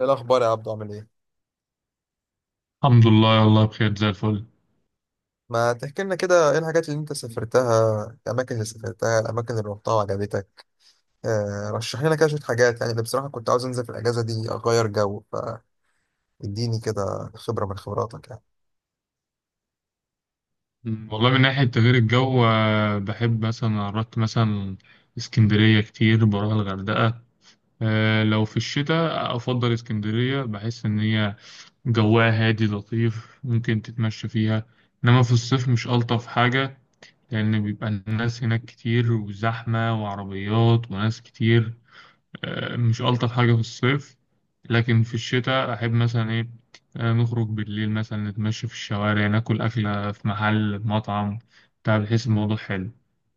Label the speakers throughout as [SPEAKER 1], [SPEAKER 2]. [SPEAKER 1] ايه الاخبار يا عبدو، عامل ايه؟
[SPEAKER 2] الحمد لله، والله بخير زي الفل.
[SPEAKER 1] ما تحكي لنا كده، ايه الحاجات اللي انت سافرتها، الاماكن اللي سافرتها، الاماكن اللي روحتها وعجبتك؟ رشح لنا كده شويه حاجات. يعني انا بصراحه كنت عاوز انزل في الاجازه دي اغير جو. فاديني كده خبره من خبراتك يعني.
[SPEAKER 2] مم. والله من ناحية تغيير الجو، بحب مثلا رحت مثلا اسكندرية كتير، بروح الغردقة. لو في الشتاء أفضل اسكندرية، بحس إن هي جواها هادي لطيف، ممكن تتمشى فيها. إنما في الصيف مش ألطف حاجة، لأن بيبقى الناس هناك كتير، وزحمة وعربيات وناس كتير. مش ألطف حاجة في الصيف. لكن في الشتاء أحب مثلا إيه، نخرج بالليل مثلا، نتمشى في الشوارع، ناكل أكلة في محل مطعم بتاع، بحيث الموضوع حلو.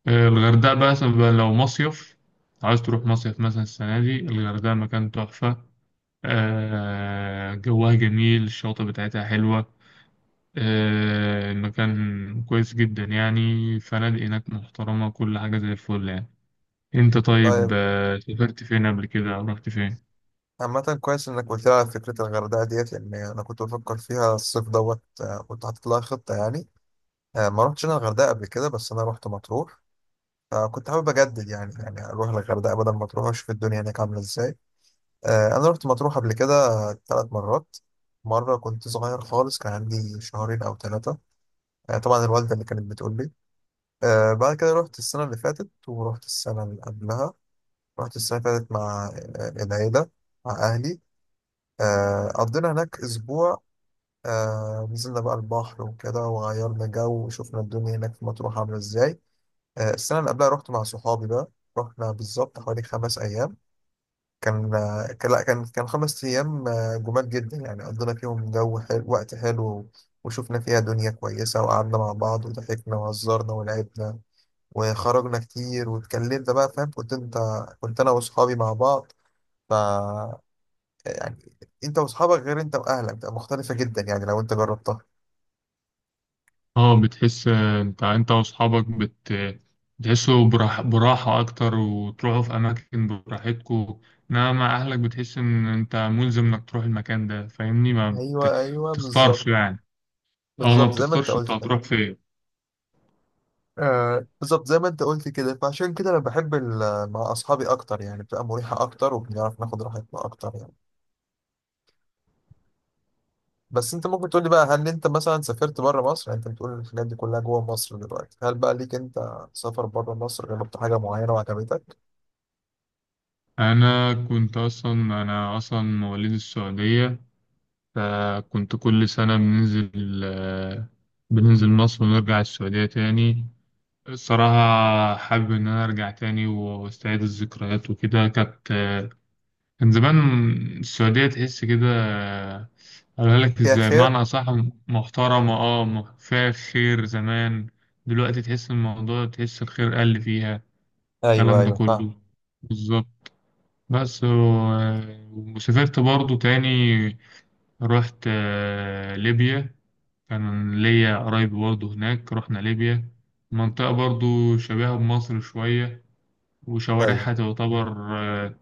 [SPEAKER 2] الغردقة بقى، مثلا بقى لو مصيف عايز تروح مصيف، مثلا السنة دي الغردقة مكان تحفة. جوها جميل، الشواطئ بتاعتها حلوة. المكان كويس جدا يعني، فنادق هناك محترمة، كل حاجة زي الفل يعني. انت طيب،
[SPEAKER 1] طيب.
[SPEAKER 2] سافرت فين قبل كده، او رحت فين؟
[SPEAKER 1] عامة كويس انك قلت لي، على فكرة الغردقة ديت، لان انا كنت بفكر فيها الصيف دوت. كنت حاطط لها خطة يعني. ما رحتش انا الغردقة قبل كده، بس انا رحت مطروح. فكنت حابب اجدد يعني، اروح الغردقة بدل ما تروح اشوف الدنيا هناك عاملة ازاي. أنا رحت مطروح قبل كده 3 مرات. مرة كنت صغير خالص، كان عندي شهرين أو ثلاثة. طبعا الوالدة اللي كانت بتقول لي. بعد كده رحت السنة اللي فاتت ورحت السنة اللي قبلها. رحت السنة اللي فاتت مع العيلة، مع أهلي. قضينا هناك أسبوع. نزلنا بقى البحر وكده وغيرنا جو وشفنا الدنيا هناك في مطروح عاملة إزاي. السنة اللي قبلها رحت مع صحابي بقى. رحنا بالظبط حوالي 5 أيام. كان آه، كان- لا كان كان 5 أيام. جمال جدا، يعني قضينا فيهم جو حلو، وقت حلو. وشفنا فيها دنيا كويسة، وقعدنا مع بعض وضحكنا وهزرنا ولعبنا وخرجنا كتير واتكلمنا بقى، فاهم؟ كنت انت، كنت انا واصحابي مع بعض. ف يعني انت واصحابك غير انت واهلك، بتبقى مختلفة جدا، يعني لو انت جربتها.
[SPEAKER 2] اه بتحس، انت واصحابك بتحسوا براحة اكتر، وتروحوا في اماكن براحتكم. انما مع اهلك بتحس ان انت ملزم انك تروح المكان ده، فاهمني؟ ما بت...
[SPEAKER 1] ايوه، ايوه، بالظبط.
[SPEAKER 2] بتختارش يعني. اه، ما
[SPEAKER 1] بالظبط زي ما انت
[SPEAKER 2] بتختارش انت
[SPEAKER 1] قلت كده.
[SPEAKER 2] هتروح فين.
[SPEAKER 1] آه، بالظبط زي ما انت قلت كده، فعشان كده انا بحب مع اصحابي اكتر، يعني بتبقى مريحة اكتر، وبنعرف ناخد راحتنا اكتر يعني. بس انت ممكن تقول لي بقى، هل انت مثلا سافرت بره مصر؟ يعني انت بتقول الحاجات دي كلها جوه مصر، دلوقتي هل بقى ليك انت سفر بره مصر، جربت حاجه معينه وعجبتك؟
[SPEAKER 2] انا كنت اصلا انا اصلا مواليد السعودية. فكنت كل سنة بننزل مصر ونرجع السعودية تاني. الصراحة حابب إن أنا أرجع تاني وأستعيد الذكريات وكده، كان زمان. السعودية تحس كده، قالها لك
[SPEAKER 1] فيها
[SPEAKER 2] ازاي
[SPEAKER 1] خير.
[SPEAKER 2] معنى أصح، محترمة. اه، فيها خير زمان. دلوقتي تحس الموضوع، تحس الخير قل فيها،
[SPEAKER 1] ايوه،
[SPEAKER 2] الكلام ده
[SPEAKER 1] ايوه، فاهم.
[SPEAKER 2] كله. بالظبط. بس و- وسافرت برضو تاني. رحت ليبيا. كان ليا قرايب برضو هناك، رحنا ليبيا. منطقة برضو شبيهة بمصر شوية، وشوارعها
[SPEAKER 1] ايوه،
[SPEAKER 2] تعتبر آه،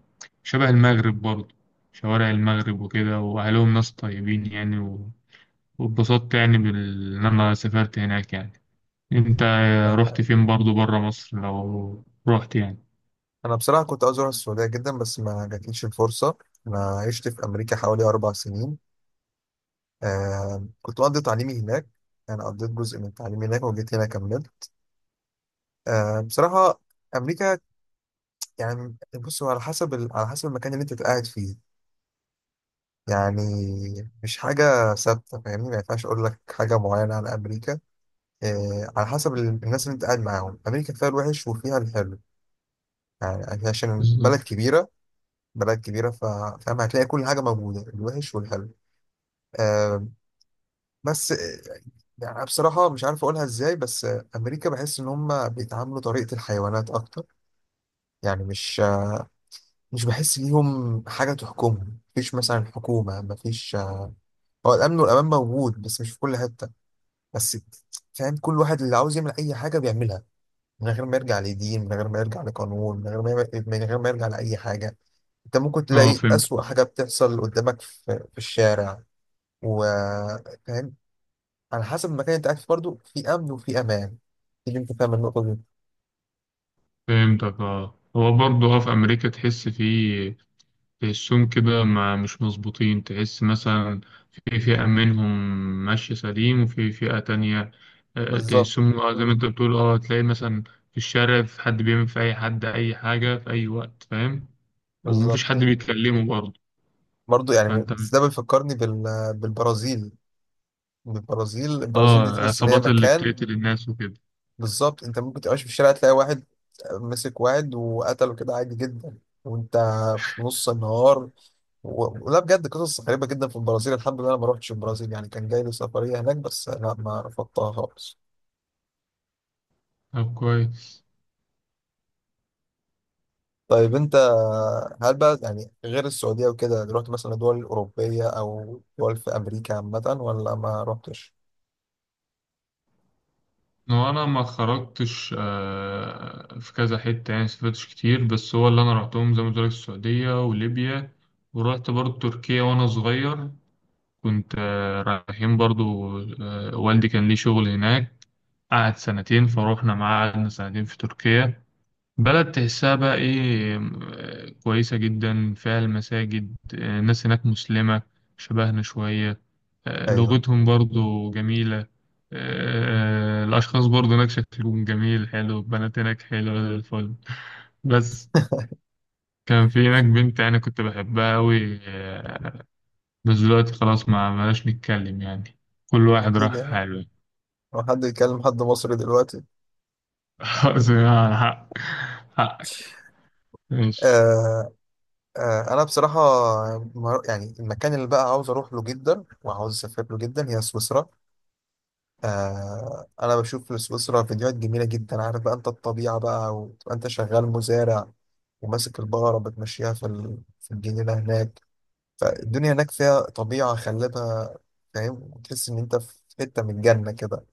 [SPEAKER 2] شبه المغرب برضه، شوارع المغرب وكده. وأهلهم ناس طيبين يعني، واتبسطت يعني إن أنا سافرت هناك يعني. أنت رحت فين برضه برا مصر لو رحت يعني؟
[SPEAKER 1] انا بصراحه كنت عاوز اروح السعوديه جدا، بس ما جاتليش الفرصه. انا عشت في امريكا حوالي 4 سنين. كنت مقضي تعليمي هناك. انا قضيت جزء من تعليمي هناك وجيت هنا كملت. بصراحه، امريكا، يعني بص، هو على حسب على حسب المكان اللي انت قاعد فيه. يعني مش حاجة ثابتة، فاهمني؟ ما ينفعش أقول لك حاجة معينة على أمريكا. إيه، على حسب الناس اللي أنت قاعد معاهم. أمريكا فيها الوحش وفيها الحلو، يعني عشان
[SPEAKER 2] بالظبط.
[SPEAKER 1] بلد كبيرة. بلد كبيرة فاهم هتلاقي كل حاجة موجودة، الوحش والحلو. آه بس، يعني أنا بصراحة مش عارف أقولها إزاي، بس أمريكا بحس إن هم بيتعاملوا طريقة الحيوانات أكتر. يعني مش بحس ليهم حاجة تحكمهم. مفيش مثلا حكومة، مفيش. هو الأمن والأمان موجود، بس مش في كل حتة. بس فاهم، كل واحد اللي عاوز يعمل اي حاجه بيعملها، من غير ما يرجع لدين، من غير ما يرجع لقانون، من غير ما يرجع لاي حاجه. انت ممكن
[SPEAKER 2] اه،
[SPEAKER 1] تلاقي
[SPEAKER 2] فهمت.
[SPEAKER 1] اسوأ حاجه بتحصل قدامك في الشارع، وفاهم على حسب المكان اللي انت قاعد فيه برضه، في امن وفي امان. تيجي انت فاهم النقطه دي؟
[SPEAKER 2] فهمتك. اه، هو برضه في أمريكا تحس فيه، تحسهم كده مش مظبوطين. تحس مثلا في فئة منهم ماشية سليم، وفي فئة تانية
[SPEAKER 1] بالظبط،
[SPEAKER 2] تحسهم، زي ما انت بتقول. اه، تلاقي مثلا في الشارع في حد بيعمل في أي حد أي حاجة في أي وقت، فاهم؟ ومفيش حد
[SPEAKER 1] بالظبط
[SPEAKER 2] بيتكلمه برضه.
[SPEAKER 1] برضه يعني.
[SPEAKER 2] فانت...
[SPEAKER 1] ده بيفكرني بالبرازيل. البرازيل
[SPEAKER 2] اه،
[SPEAKER 1] البرازيل دي تحس ان هي
[SPEAKER 2] العصابات اللي
[SPEAKER 1] مكان،
[SPEAKER 2] بتقتل الناس وكده.
[SPEAKER 1] بالظبط انت ممكن تبقاش في الشارع تلاقي واحد مسك واحد وقتله كده عادي جدا، وانت في نص النهار. لا، بجد قصص غريبة جدا في البرازيل. الحمد لله انا ما روحتش البرازيل، يعني كان جاي لي سفرية هناك، بس لا، ما رفضتها خالص.
[SPEAKER 2] طب كويس.
[SPEAKER 1] طيب انت، هل بقى يعني غير السعودية وكده رحت مثلا دول أوروبية أو دول في أمريكا عامة، ولا ما رحتش؟
[SPEAKER 2] هو انا ما خرجتش في كذا حتة، يعني سافرتش كتير، بس هو اللي انا رحتهم زي ما قلت لك السعودية وليبيا. ورحت برضه تركيا وانا صغير. كنت رايحين برضو، والدي كان ليه شغل هناك، قعد سنتين، فروحنا معاه قعدنا سنتين في تركيا. بلد تحسها بقى ايه، كويسة جدا، فيها المساجد. الناس هناك مسلمة شبهنا شوية.
[SPEAKER 1] ايوه.
[SPEAKER 2] لغتهم برضو جميلة. الأشخاص برضو هناك شكلهم جميل حلو، البنات هناك حلوة زي الفل. بس كان في هناك بنت أنا كنت بحبها أوي بس دلوقتي خلاص، ما بلاش نتكلم يعني، كل واحد
[SPEAKER 1] اكيد
[SPEAKER 2] راح في
[SPEAKER 1] يعني،
[SPEAKER 2] حاله.
[SPEAKER 1] لو حد يتكلم حد مصري دلوقتي.
[SPEAKER 2] خلاص يعني، حقك ماشي.
[SPEAKER 1] آه انا بصراحه يعني المكان اللي بقى عاوز اروح له جدا وعاوز اسافر له جدا هي سويسرا. انا بشوف لسويسرا فيديوهات جميله جدا، عارف بقى انت الطبيعه بقى، وتبقى انت شغال مزارع وماسك البقره بتمشيها في الجنينه هناك. فالدنيا هناك فيها طبيعه خلابه، فاهم، وتحس ان انت في حته من الجنه كده.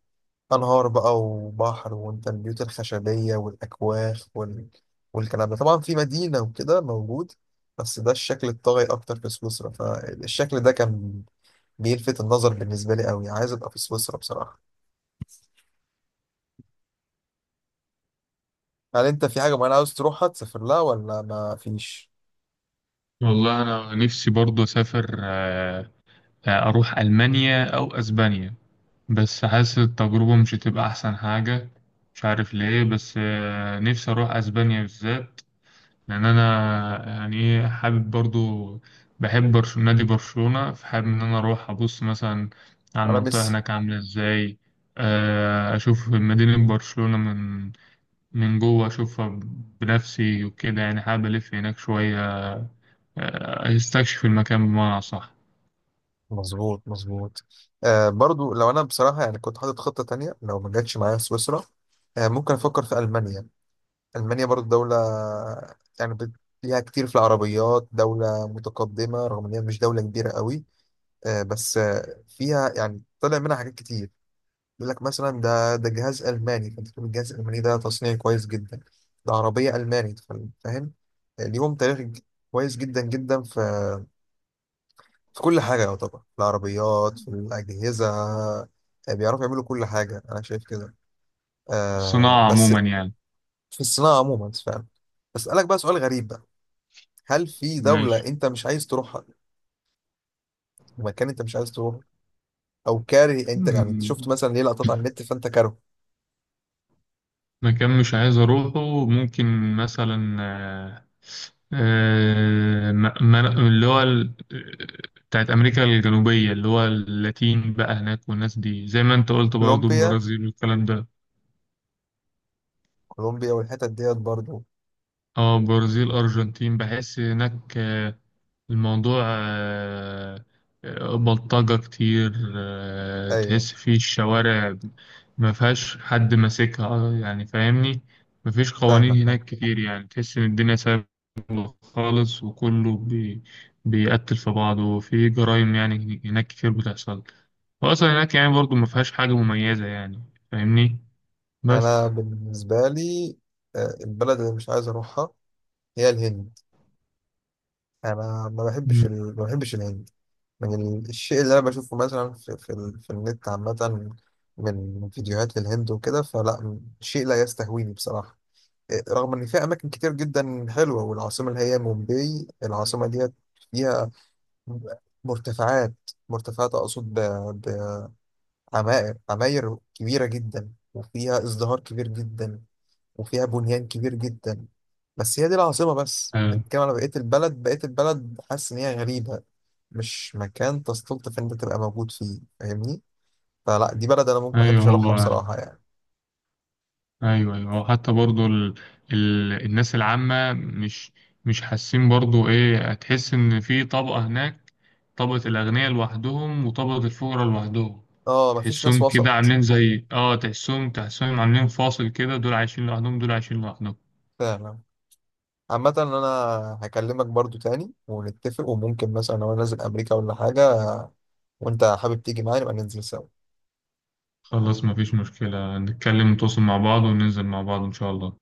[SPEAKER 1] أنهار بقى وبحر، وأنت البيوت الخشبية والأكواخ والكلام ده طبعا في مدينة وكده موجود، بس ده الشكل الطاغي أكتر في سويسرا. فالشكل ده كان بيلفت النظر بالنسبة لي أوي، عايز أبقى في سويسرا بصراحة. هل أنت في حاجة معينة عاوز تروحها، تسافر لها ولا ما فيش؟
[SPEAKER 2] والله أنا نفسي برضه أسافر، أروح ألمانيا أو أسبانيا. بس حاسس التجربة مش هتبقى أحسن حاجة، مش عارف ليه. بس نفسي أروح أسبانيا بالذات، لان انا يعني ايه حابب برضو، بحب نادي برشلونة، فحابب ان انا اروح ابص مثلا على
[SPEAKER 1] أنا
[SPEAKER 2] المنطقة
[SPEAKER 1] لسه.
[SPEAKER 2] هناك عاملة ازاي. اشوف مدينة برشلونة من جوه، اشوفها بنفسي وكده يعني، حابب الف هناك شوية، استكشف المكان بمعنى صح.
[SPEAKER 1] مظبوط، مظبوط. برضو لو أنا بصراحة يعني كنت حاطط خطة تانية لو ما جاتش معايا سويسرا، ممكن أفكر في ألمانيا. ألمانيا برضه دولة، يعني ليها كتير في العربيات، دولة متقدمة رغم إن هي مش دولة كبيرة قوي. بس، فيها يعني طلع منها حاجات كتير. يقول لك مثلا ده جهاز ألماني، فأنت تقول الجهاز الألماني ده تصنيع كويس جدا. ده عربية ألماني، فاهم. ليهم تاريخ كويس جدا جدا، في في كل حاجة يعتبر، في العربيات، في الأجهزة، بيعرفوا يعملوا كل حاجة، أنا شايف كده.
[SPEAKER 2] الصناعة
[SPEAKER 1] بس
[SPEAKER 2] عموما يعني.
[SPEAKER 1] في الصناعة عموما فاهم. بسألك بقى سؤال غريب بقى، هل في دولة
[SPEAKER 2] ماشي.
[SPEAKER 1] أنت مش عايز تروحها، مكان أنت مش عايز تروحه، أو كاره؟ أنت يعني أنت شفت مثلا ليه لقطات على النت، فأنت كاره.
[SPEAKER 2] مكان مش عايز أروحه، ممكن مثلا آه، م- من- اللي هو ال- بتاعت أمريكا الجنوبية، اللي هو اللاتين بقى هناك، والناس دي زي ما أنت قلت برضو،
[SPEAKER 1] كولومبيا،
[SPEAKER 2] البرازيل والكلام ده.
[SPEAKER 1] كولومبيا والحتت ديت برضو.
[SPEAKER 2] اه، برازيل، ارجنتين، بحس هناك آه، الموضوع بلطجة كتير،
[SPEAKER 1] أيوه،
[SPEAKER 2] تحس فيه الشوارع ما فيهاش حد ماسكها، يعني فاهمني، ما فيش
[SPEAKER 1] فاهمك،
[SPEAKER 2] قوانين
[SPEAKER 1] فاهم.
[SPEAKER 2] هناك كتير، يعني تحس ان الدنيا سهلة خالص، وكله بيقتل في بعضه، وفي جرائم يعني هناك كتير بتحصل، واصلا هناك يعني برضو ما فيهاش حاجة مميزة يعني، فاهمني،
[SPEAKER 1] أنا
[SPEAKER 2] بس...
[SPEAKER 1] بالنسبة لي، البلد اللي مش عايز أروحها هي الهند. أنا
[SPEAKER 2] مم.
[SPEAKER 1] ما بحبش الهند. من الشيء اللي أنا بشوفه مثلا في النت عامة، من فيديوهات للهند وكده، فلا شيء لا يستهويني بصراحة. رغم ان فيها اماكن كتير جدا حلوه، والعاصمه اللي هي مومباي، العاصمه ديت فيها مرتفعات، مرتفعات اقصد بعماير، عماير كبيره جدا، وفيها ازدهار كبير جدا، وفيها بنيان كبير جدا. بس هي دي العاصمه بس،
[SPEAKER 2] ايوه.
[SPEAKER 1] بتتكلم على بقيه البلد، بقيه البلد حاسس ان هي غريبه، مش مكان تستلطف ان انت تبقى موجود فيه، فاهمني؟ فلا دي بلد انا ممكن ما
[SPEAKER 2] أيوة،
[SPEAKER 1] احبش اروحها
[SPEAKER 2] هو
[SPEAKER 1] بصراحه يعني.
[SPEAKER 2] ايوه ايوه، او حتى برضو الناس العامه، مش حاسين برضو ايه، هتحس ان في طبقه هناك، طبقه الاغنياء لوحدهم وطبقه الفقراء لوحدهم.
[SPEAKER 1] اه، مفيش ناس
[SPEAKER 2] تحسهم كده
[SPEAKER 1] وسط.
[SPEAKER 2] عاملين زي اه تحسهم، عاملين فاصل كده، دول عايشين لوحدهم، دول عايشين لوحدهم.
[SPEAKER 1] فعلا. عامة انا هكلمك برضو تاني ونتفق، وممكن مثلا لو انا نازل امريكا ولا حاجة وانت حابب تيجي معايا، نبقى ننزل سوا.
[SPEAKER 2] خلاص مفيش مشكله، نتكلم نتواصل مع بعض، وننزل مع بعض ان شاء الله.